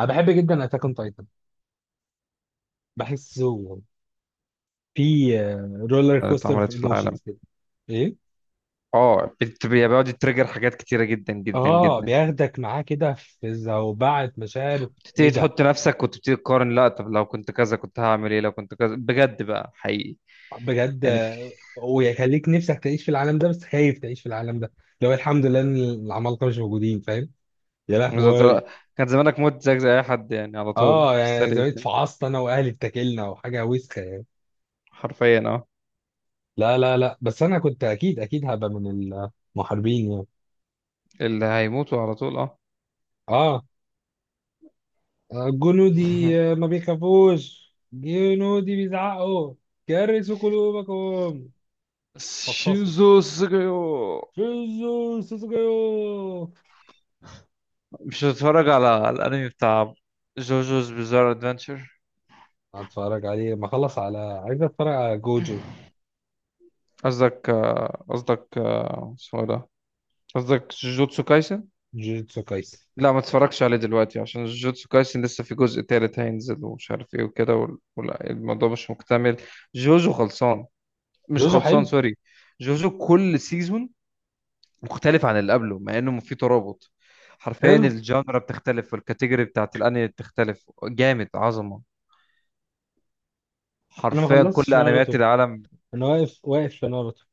انا بحب جدا اتاك اون تايتن. بحسه في رولر كوستر في اتعملت في العالم. ايموشنز كده. ايه. اه، بيقعد يتريجر حاجات كتيرة جدا جدا اه، جدا. بياخدك معاه كده في زوبعة مشاعر. تبتدي ايه ده؟ تحط نفسك وتبتدي تقارن، لا طب لو كنت كذا كنت هعمل ايه، لو كنت كذا بجد بقى حقيقي. بجد يعني في. ويخليك نفسك تعيش في العالم ده بس خايف تعيش في العالم ده. لو الحمد لله ان العمالقه مش موجودين. فاهم؟ يا بالظبط. لهوي! كان زمانك مت زيك زي اي حد يعني، على طول اه، في يعني السريع زمان كده. اتفعصت انا واهلي، اتاكلنا وحاجه وسخه يعني. حرفيا اه. لا، لا، لا، بس انا كنت اكيد اكيد هبقى من المحاربين يعني. اللي هيموتوا على طول اه. اه. جنودي ما بيخافوش، جنودي بيزعقوا. كرسوا قلوبكم! فصصوا! شيوزو سوجيو. شيزو سوسوكيو. مش هتتفرج على الانمي بتاع جوجوز بيزار ادفنتشر؟ هتفرج عليه ما خلص، على عايز اتفرج على جوجو. قصدك آه، اسمه إيه ده، قصدك جوجوتسو كايسن. جوجوتسو كايسن. لا ما تتفرجش عليه دلوقتي عشان جوجوتسو كايسن لسه في جزء تالت هينزل ومش عارف ايه وكده، وال- والموضوع مش مكتمل. جوجو خلصان، مش جوجو خلصان، حلو سوري. جوجو كل سيزون مختلف عن اللي قبله مع انه في ترابط. حرفيا حلو. الجانرا بتختلف والكاتيجوري بتاعت الانمي بتختلف جامد، عظمة انا ما حرفيا كل خلصتش انميات ناروتو. العالم. انا واقف واقف في ناروتو.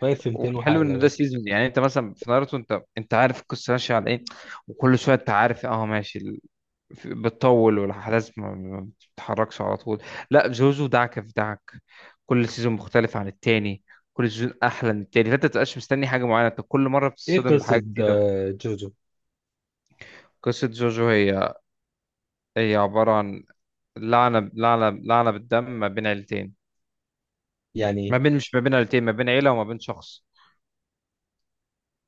واقف في 200 والحلو وحاجه ان ده بقى. سيزون، يعني انت مثلا في ناruto انت عارف القصه ماشيه على ايه، وكل شويه انت عارف اه ماشي، بتطول والاحداث ما بتتحركش على طول. لا جوجو دعكه في دعك، كل سيزون مختلف عن التاني، كل سيزون احلى من التاني، فانت متبقاش مستني حاجه معينه، انت كل مره ايه بتتصدم بحاجه قصه جديده. جوجو؟ قصه جوجو هي، هي عباره عن لعنه لعنه بالدم ما بين عيلتين. يعني. ما بين مش ما بين عيلتين، ما بين عيله وما بين شخص،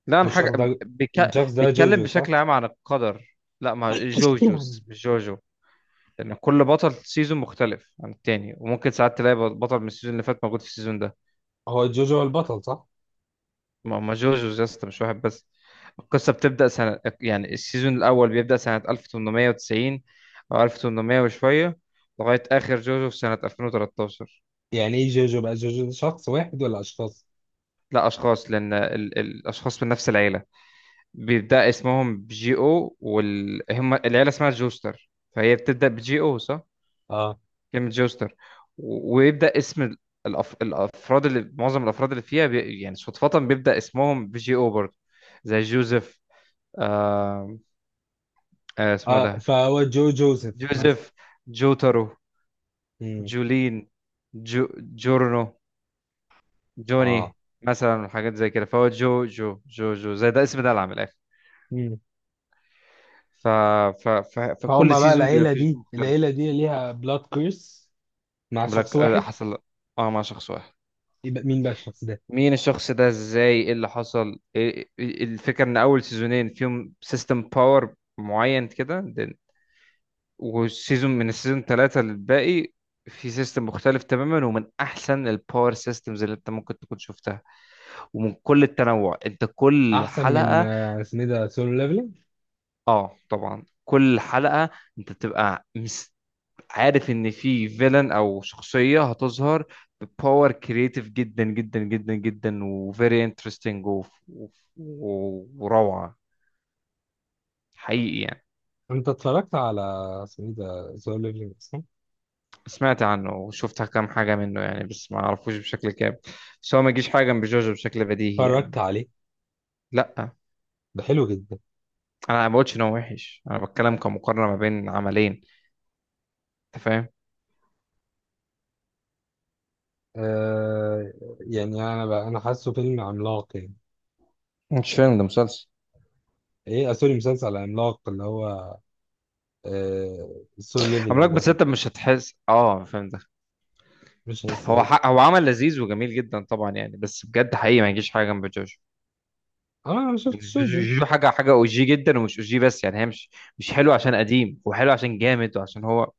لا عن والشخص حاجه. ده. بيك- الشخص ده بيتكلم جوجو، صح؟ بشكل عام عن القدر. لا ما جوجوز مش جوجو، لان كل بطل سيزون مختلف عن التاني وممكن ساعات تلاقي بطل من السيزون اللي فات موجود في السيزون ده. هو جوجو هو البطل، صح؟ ما جوجوز يا اسطى مش واحد بس. القصة بتبدأ سنة، يعني السيزون الأول بيبدأ سنة 1890 أو 1800 وشوية، لغاية آخر جوجو في سنة 2013. يعني ايه جوجو؟ بقى جوجو ده شخص واحد ولا اشخاص؟ لا أشخاص، لأن الأشخاص من نفس العيلة بيبدأ اسمهم بجي أو، هم العيلة اسمها جوستر، فهي بتبدأ بجي أو صح؟ اه. كلمة جوستر. و... ويبدأ اسم الأفراد، اللي معظم الأفراد اللي فيها يعني صدفة بيبدأ اسمهم بجي أو برضه، زي جوزيف. آه... اسمه اه، ده فهو جو جوزيف مثلا. جوزيف، جوترو، امم جولين، جو، جورنو، اه. جوني، مثلا حاجات زي كده، فهو جو جو جو جو زي ده اسم ده العام من الاخر. مم. ف... ف... ف... فكل فهم بقى سيزون بيبقى العيلة فيه جو دي مختلف. العيلة دي ليها بلاد كيرس مع شخص بلاك آه، واحد. حصل، اه مع شخص واحد. يبقى مين بقى الشخص ده؟ مين الشخص ده ازاي، ايه اللي حصل، الفكره ان اول سيزونين فيهم سيستم باور معين كده، then، والسيزون من السيزون ثلاثة للباقي في سيستم مختلف تماما، ومن احسن الباور سيستمز اللي انت ممكن تكون شفتها، ومن كل التنوع انت كل أحسن من حلقة. اسمه إيه ده سولو ليفلينج؟ اه طبعا، كل حلقة انت بتبقى عارف ان في فيلن او شخصية هتظهر بباور كرييتيف جدا جدا جدا جدا وفيري انترستنج وروعة، حقيقي يعني. أنت اتفرجت على اسمه إيه ده سولو ليفلينج أصلا؟ سمعت عنه وشفت كام حاجة منه يعني، بس ما اعرفوش بشكل كامل، بس هو ما يجيش حاجة جنب جوجو بشكل بديهي اتفرجت يعني. عليه؟ لا ده حلو جدا. انا ما بقولش ان هو وحش، انا بتكلم كمقارنة ما بين عملين، انت فاهم. آه. يعني أنا حاسه فيلم عملاق يعني. مش فيلم ده، مسلسل إيه سوري، مسلسل عملاق اللي هو. آه، سولو عملاق، ليفلينج ده. بس انت مش هتحس اه فهمت. مش حاسس إيه؟ هو عمل لذيذ وجميل جدا طبعا يعني، بس بجد حقيقي ما يجيش حاجه جنب جوجو. آه، أنا ما يعني شفتش. جوجو حاجه حاجه او جي جدا، ومش او جي بس يعني، هي مش، مش حلو عشان قديم، وحلو عشان جامد وعشان هو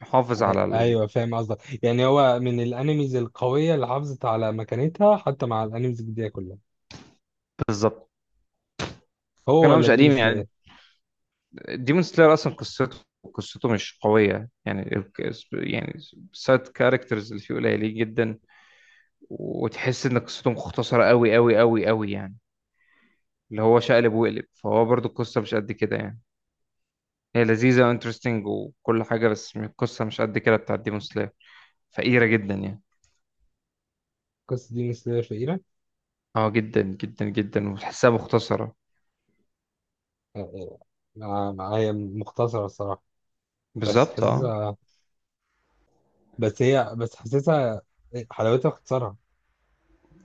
محافظ على ال... ايوه، فاهم قصدك، يعني هو من الانميز القويه اللي حافظت على مكانتها حتى مع الانميز الجديده كلها. بالظبط. هو كان هو ولا مش ديمون قديم سلاير؟ يعني. ديمون سلاير اصلا قصته مش قويه يعني، يعني سايد كاركترز اللي فيه قليلين جدا، وتحس ان قصته مختصره قوي قوي قوي قوي يعني، اللي هو شقلب وقلب، فهو برضو القصه مش قد كده يعني. هي لذيذة وانترستنج وكل حاجة، بس القصة مش قد كده بتاعت ديمون سلاير، فقيرة جدا يعني. قصه ديمون سلاير شهيره؟ اه جدا جدا جدا، وتحسها مختصرة. آه، آه، آه، هي مختصره الصراحه. بس بالظبط اه. حاسسها. بس حاسسها. حلاوتها في اختصارها.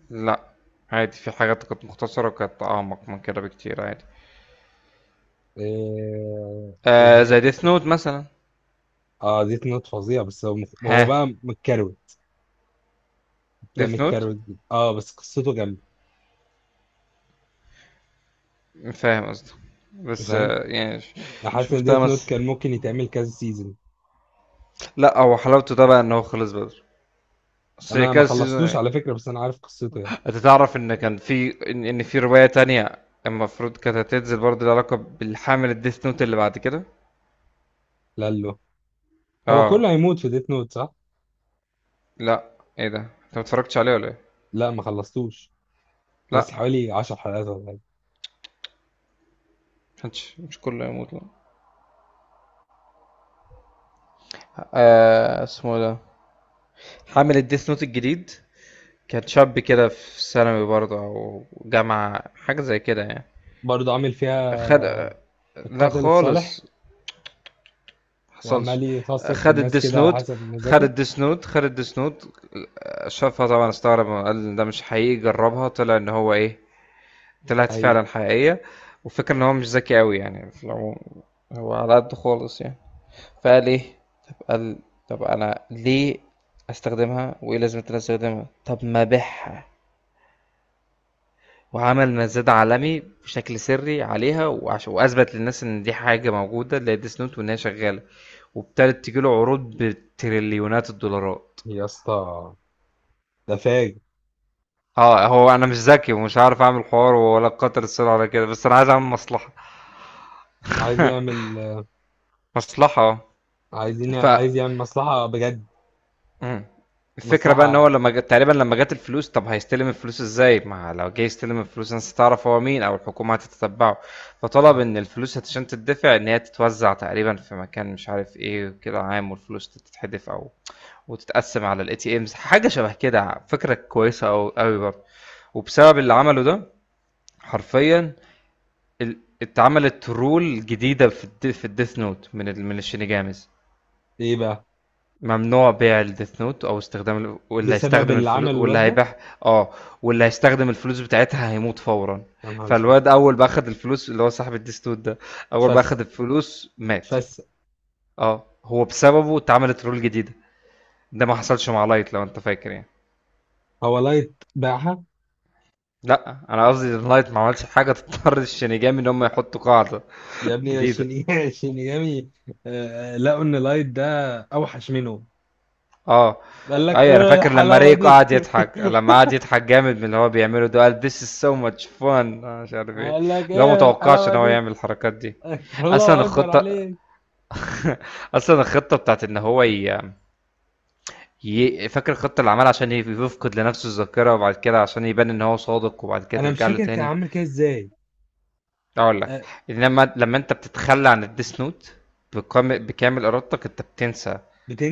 لا عادي، في حاجات كانت مختصرة وكانت أعمق من كده بكتير عادي. آه، آه زي ازاي؟ ديث نوت مثلا. اه، ديت نوت فظيع، بس هو ها. بقى متكروت. بتاع ديث نوت، متكروت جدا. اه، بس قصته جامده. فاهم قصدي. بس فاهم. آه يعني حاسس شوف ان ده ديت نوت مثلا. كان ممكن يتعمل كذا سيزون. لا هو حلاوته ده بقى إن هو خلص بدري، بس هي انا ما كذا خلصتوش سيزون. على فكره، بس انا عارف قصته يعني. انت تعرف ان كان في ان إن في رواية تانية المفروض كانت هتنزل برضه، لها علاقة بالحامل الديث نوت اللي بعد كده. لالو. هو اه. كله هيموت في ديت نوت، صح؟ لا ايه ده، انت ما اتفرجتش عليه ولا ايه؟ لا، ما خلصتوش. لسه لا، حوالي 10 حلقات ولا حاجة. مش كله يموت لا. آه اسمه ده حامل الديث نوت الجديد، كان شاب كده في ثانوي برضه او جامعة حاجة زي كده يعني. برضه عامل فيها خد. لا القاتل الصالح. خالص، حصلش. وعمال يفصص في خد الناس الديس كده على نوت حسب خد مزاجه. الديس نوت خد الديس نوت. شافها طبعا استغرب، قال إن ده مش حقيقي، جربها طلع ان هو ايه، طلعت هي. فعلا حقيقية. وفكر ان هو مش ذكي قوي يعني في العموم، هو على قد خالص يعني، فقال ايه، طب قال طب انا ليه استخدمها، وايه لازمة إن انا استخدمها، طب ما ابيعها. وعمل مزاد عالمي بشكل سري عليها، واثبت للناس ان دي حاجه موجوده، اللي هي ديس نوت، وان هي شغاله. وابتدت تجيله عروض بتريليونات الدولارات. يا اسطى. ده فاجر. اه، هو انا مش ذكي، ومش عارف اعمل حوار ولا قطر السر ولا كده، بس انا عايز اعمل مصلحه، عايز يعمل. مصلحه اه. عايز يعمل مصلحة بجد. امم، الفكرة بقى ان هو مصلحة. لما جت تقريبا لما جت الفلوس، طب هيستلم الفلوس ازاي؟ ما لو جه يستلم الفلوس الناس هتعرف هو مين، او الحكومة هتتتبعه. فطلب اه. ان الفلوس عشان تدفع ان هي تتوزع تقريبا في مكان مش عارف ايه كده عام، والفلوس تتحدف او وتتقسم على الاي تي امز، حاجة شبه كده، فكرة كويسة او قوي برضه. وبسبب اللي عمله ده، حرفيا، اتعملت رول جديدة في في الديث نوت من من الشينيجاميز. ايه بقى؟ ممنوع بيع الديث نوت او استخدام واللي بسبب هيستخدم اللي عمله الفلوس واللي الواد ده؟ هيبيع، اه، واللي هيستخدم الفلوس بتاعتها هيموت فورا. يا نهار اسود! فالواد اول ما اخد الفلوس، اللي هو صاحب الديث نوت ده، اول ما اخد اتفسق، الفلوس مات. اتفسق! اه هو بسببه اتعملت رول جديدة، ده ما حصلش مع لايت لو انت فاكر يعني. هو لايت باعها؟ لا انا قصدي ان لايت ما عملش حاجة تضطر الشينيجامي ان هم يحطوا قاعدة يا ابني، جديدة. شينيجامي! آه، لقوا ان لايت ده اوحش منه. آه. قال لك أيوه أنا ايه فاكر لمّا الحلاوة ريك دي! قعد يضحك، لمّا قعد يضحك جامد من اللي هو بيعمله ده، قال this is so much fun، أنا مش عارف إيه، قال لك اللي هو ما ايه توقعش الحلاوه إن هو دي! يعمل الحركات دي. أصلًا الله اكبر الخطة عليك. أصلًا الخطة بتاعة إن هو ي فاكر الخطة اللي عملها عشان يفقد لنفسه الذاكرة، وبعد كده عشان يبان إن هو صادق، وبعد كده انا مش ترجع له فاكر كان تاني؟ عامل كده ازاي. هاقول لك. أه. إنما لمّا أنت بتتخلى عن الdeath note بكام بكامل إرادتك أنت بتنسى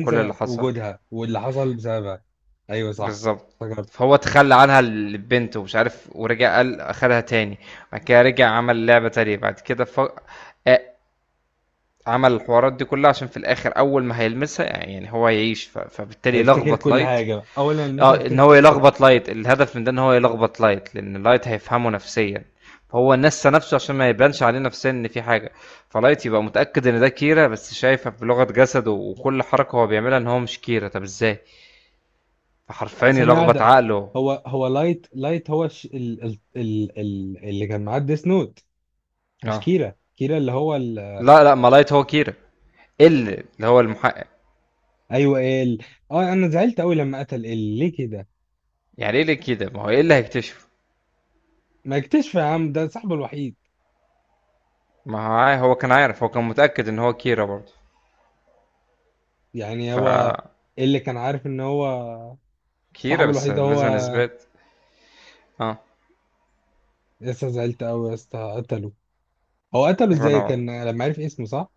كل اللي حصل. وجودها واللي حصل بسببها. ايوه، صح. بالظبط. افتكرت. فهو تخلى عنها لبنته ومش عارف، ورجع قال اخدها تاني، بعد كده رجع عمل لعبة تانية بعد كده ف... آه، عمل الحوارات دي كلها، عشان في الاخر اول ما هيلمسها يعني هو هيعيش فبالتالي افتكر يلخبط كل لايت. حاجه بقى. اولا لسه اه، ان افتكر هو كل حاجه. يلخبط لايت، الهدف من ده ان هو يلخبط لايت، لان لايت هيفهمه نفسيا. فهو نسى نفسه عشان ما يبانش عليه نفسيا ان في حاجة، فلايت يبقى متأكد ان ده كيرا، بس شايفه بلغة جسده وكل حركة هو بيعملها ان هو مش كيرا، طب ازاي، فحرفيا أه، ثانيه يلخبط واحده. عقله. هو لايت هو الش... ال... ال... ال... ال... اللي كان معاه ديس نوت. مش اه. كيرا اللي هو لا ما لايت هو كيرا، اللي هو المحقق. ايوه، إيه ال. اه، انا زعلت قوي لما قتل ال. ليه كده؟ يعني ايه اللي كده، ما هو ايه اللي هيكتشفه، ما اكتشف يا عم، ده صاحبه الوحيد. ما هو هو كان عارف، هو كان متأكد ان هو كيرا برضه، يعني ف هو. اللي كان عارف ان هو كيرا صاحبه بس الوحيد هو. لازم اثبات. اه. يا اسطى، زعلت قوي يا اسطى قتله. هو قتله ازاي؟ انا. كان لما عرف اسمه، صح؟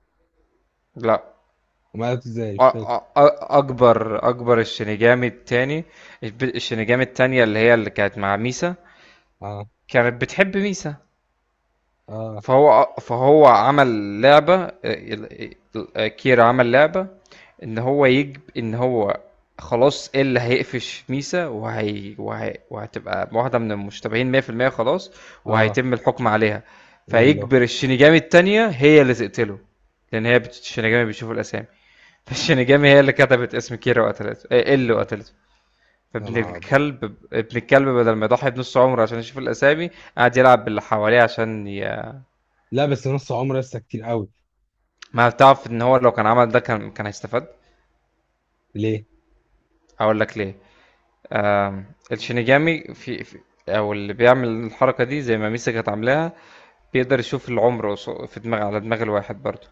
لا. وما قتله ازاي مش فاكر. اكبر، الشينيجامي التاني، الشينيجامي التانية اللي هي اللي كانت مع ميسا، اه، كانت بتحب ميسا. اه، فهو عمل لعبة، كير عمل لعبة، إن هو يجب إن هو خلاص، إيه اللي هيقفش ميسا، وهتبقى واحدة من المشتبهين 100% خلاص، اه. وهيتم الحكم عليها. لا، لا. فيجبر الشينيجامي التانية هي اللي تقتله، لأن هي الشينيجامي بيشوف الأسامي. فالشينيجامي هي اللي كتبت اسم كيرا وقتلته، إيه اللي يا قتلته. فابن نهار ابيض! الكلب ابن الكلب بدل ما يضحي بنص عمره عشان يشوف الأسامي، قعد يلعب باللي حواليه عشان لا، بس نص عمره لسه كتير قوي. ما بتعرف ان هو لو كان عمل ده كان هيستفاد. ليه؟ هقول لك ليه. آم، الشينيجامي في، او اللي بيعمل الحركه دي زي ما ميسا كانت عاملاها، بيقدر يشوف العمر، في دماغ، على دماغ الواحد برضه.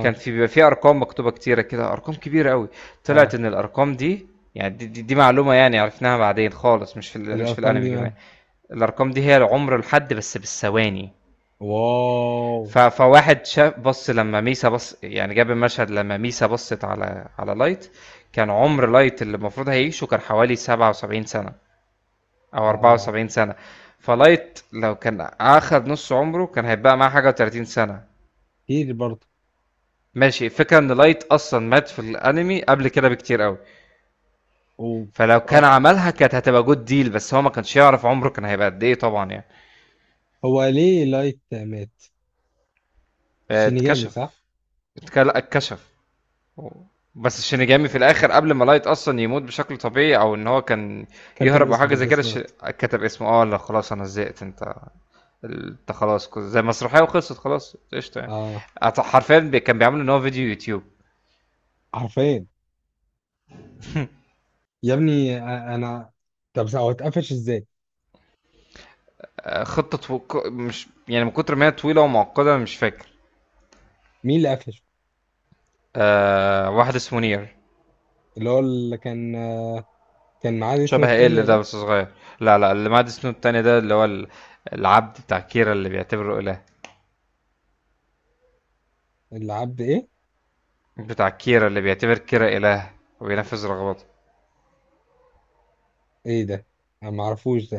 كان في، بيبقى في ارقام مكتوبه كتيره كده، ارقام كبيره قوي، طلعت اه. ان الارقام دي، يعني دي معلومه يعني عرفناها بعدين خالص، مش في مش في الارقام دي الانمي كمان. مالها؟ الارقام دي هي العمر الحد بس بالثواني. واو. فواحد شاف، بص لما ميسا بص يعني، جاب المشهد لما ميسا بصت على على لايت، كان عمر لايت اللي المفروض هيعيشه كان حوالي 77 سنة أو اه. 74 سنة. فلايت لو كان أخد نص عمره كان هيبقى معاه حاجة و30 سنة. كتير برضه. ماشي، الفكرة إن لايت أصلا مات في الأنمي قبل كده بكتير قوي، و- فلو كان هو عملها كانت هتبقى جود ديل، بس هو ما كانش يعرف عمره كان هيبقى قد إيه طبعا يعني. هو ليه لايت مات؟ آه، شينيجامي، اتكشف، صح؟ اتكشف. أوه. بس الشينيجامي في الاخر قبل ما لايت اصلا يموت بشكل طبيعي، او ان هو كان كتب يهرب او اسمه في حاجه زي كده، الديس نوت؟ كتب اسمه. اه لا خلاص انا زهقت، انت انت خلاص زي مسرحيه وخلصت خلاص قشطه يعني. اه. حرفيا كان بيعمل ان هو فيديو يوتيوب. حرفيا. يا ابني، انا. طب هو اتقفش ازاي؟ آه، خطه مش يعني من كتر ما هي طويله ومعقده مش فاكر. مين اللي قفشه؟ آه واحد اسمه نير. اللي كان كان معاه دي، اسمه شبه ايه اللي التانية ده، ده. بس صغير. لا اللي معاه اسمه التاني ده اللي هو العبد بتاع كيرا اللي بيعتبره اله. اللي عبد ايه؟ بتاع كيرا اللي بيعتبر كيرا اله، وبينفذ رغباته. ايه ده؟ انا معرفوش.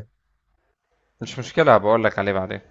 مش مشكلة، بقول لك عليه بعدين.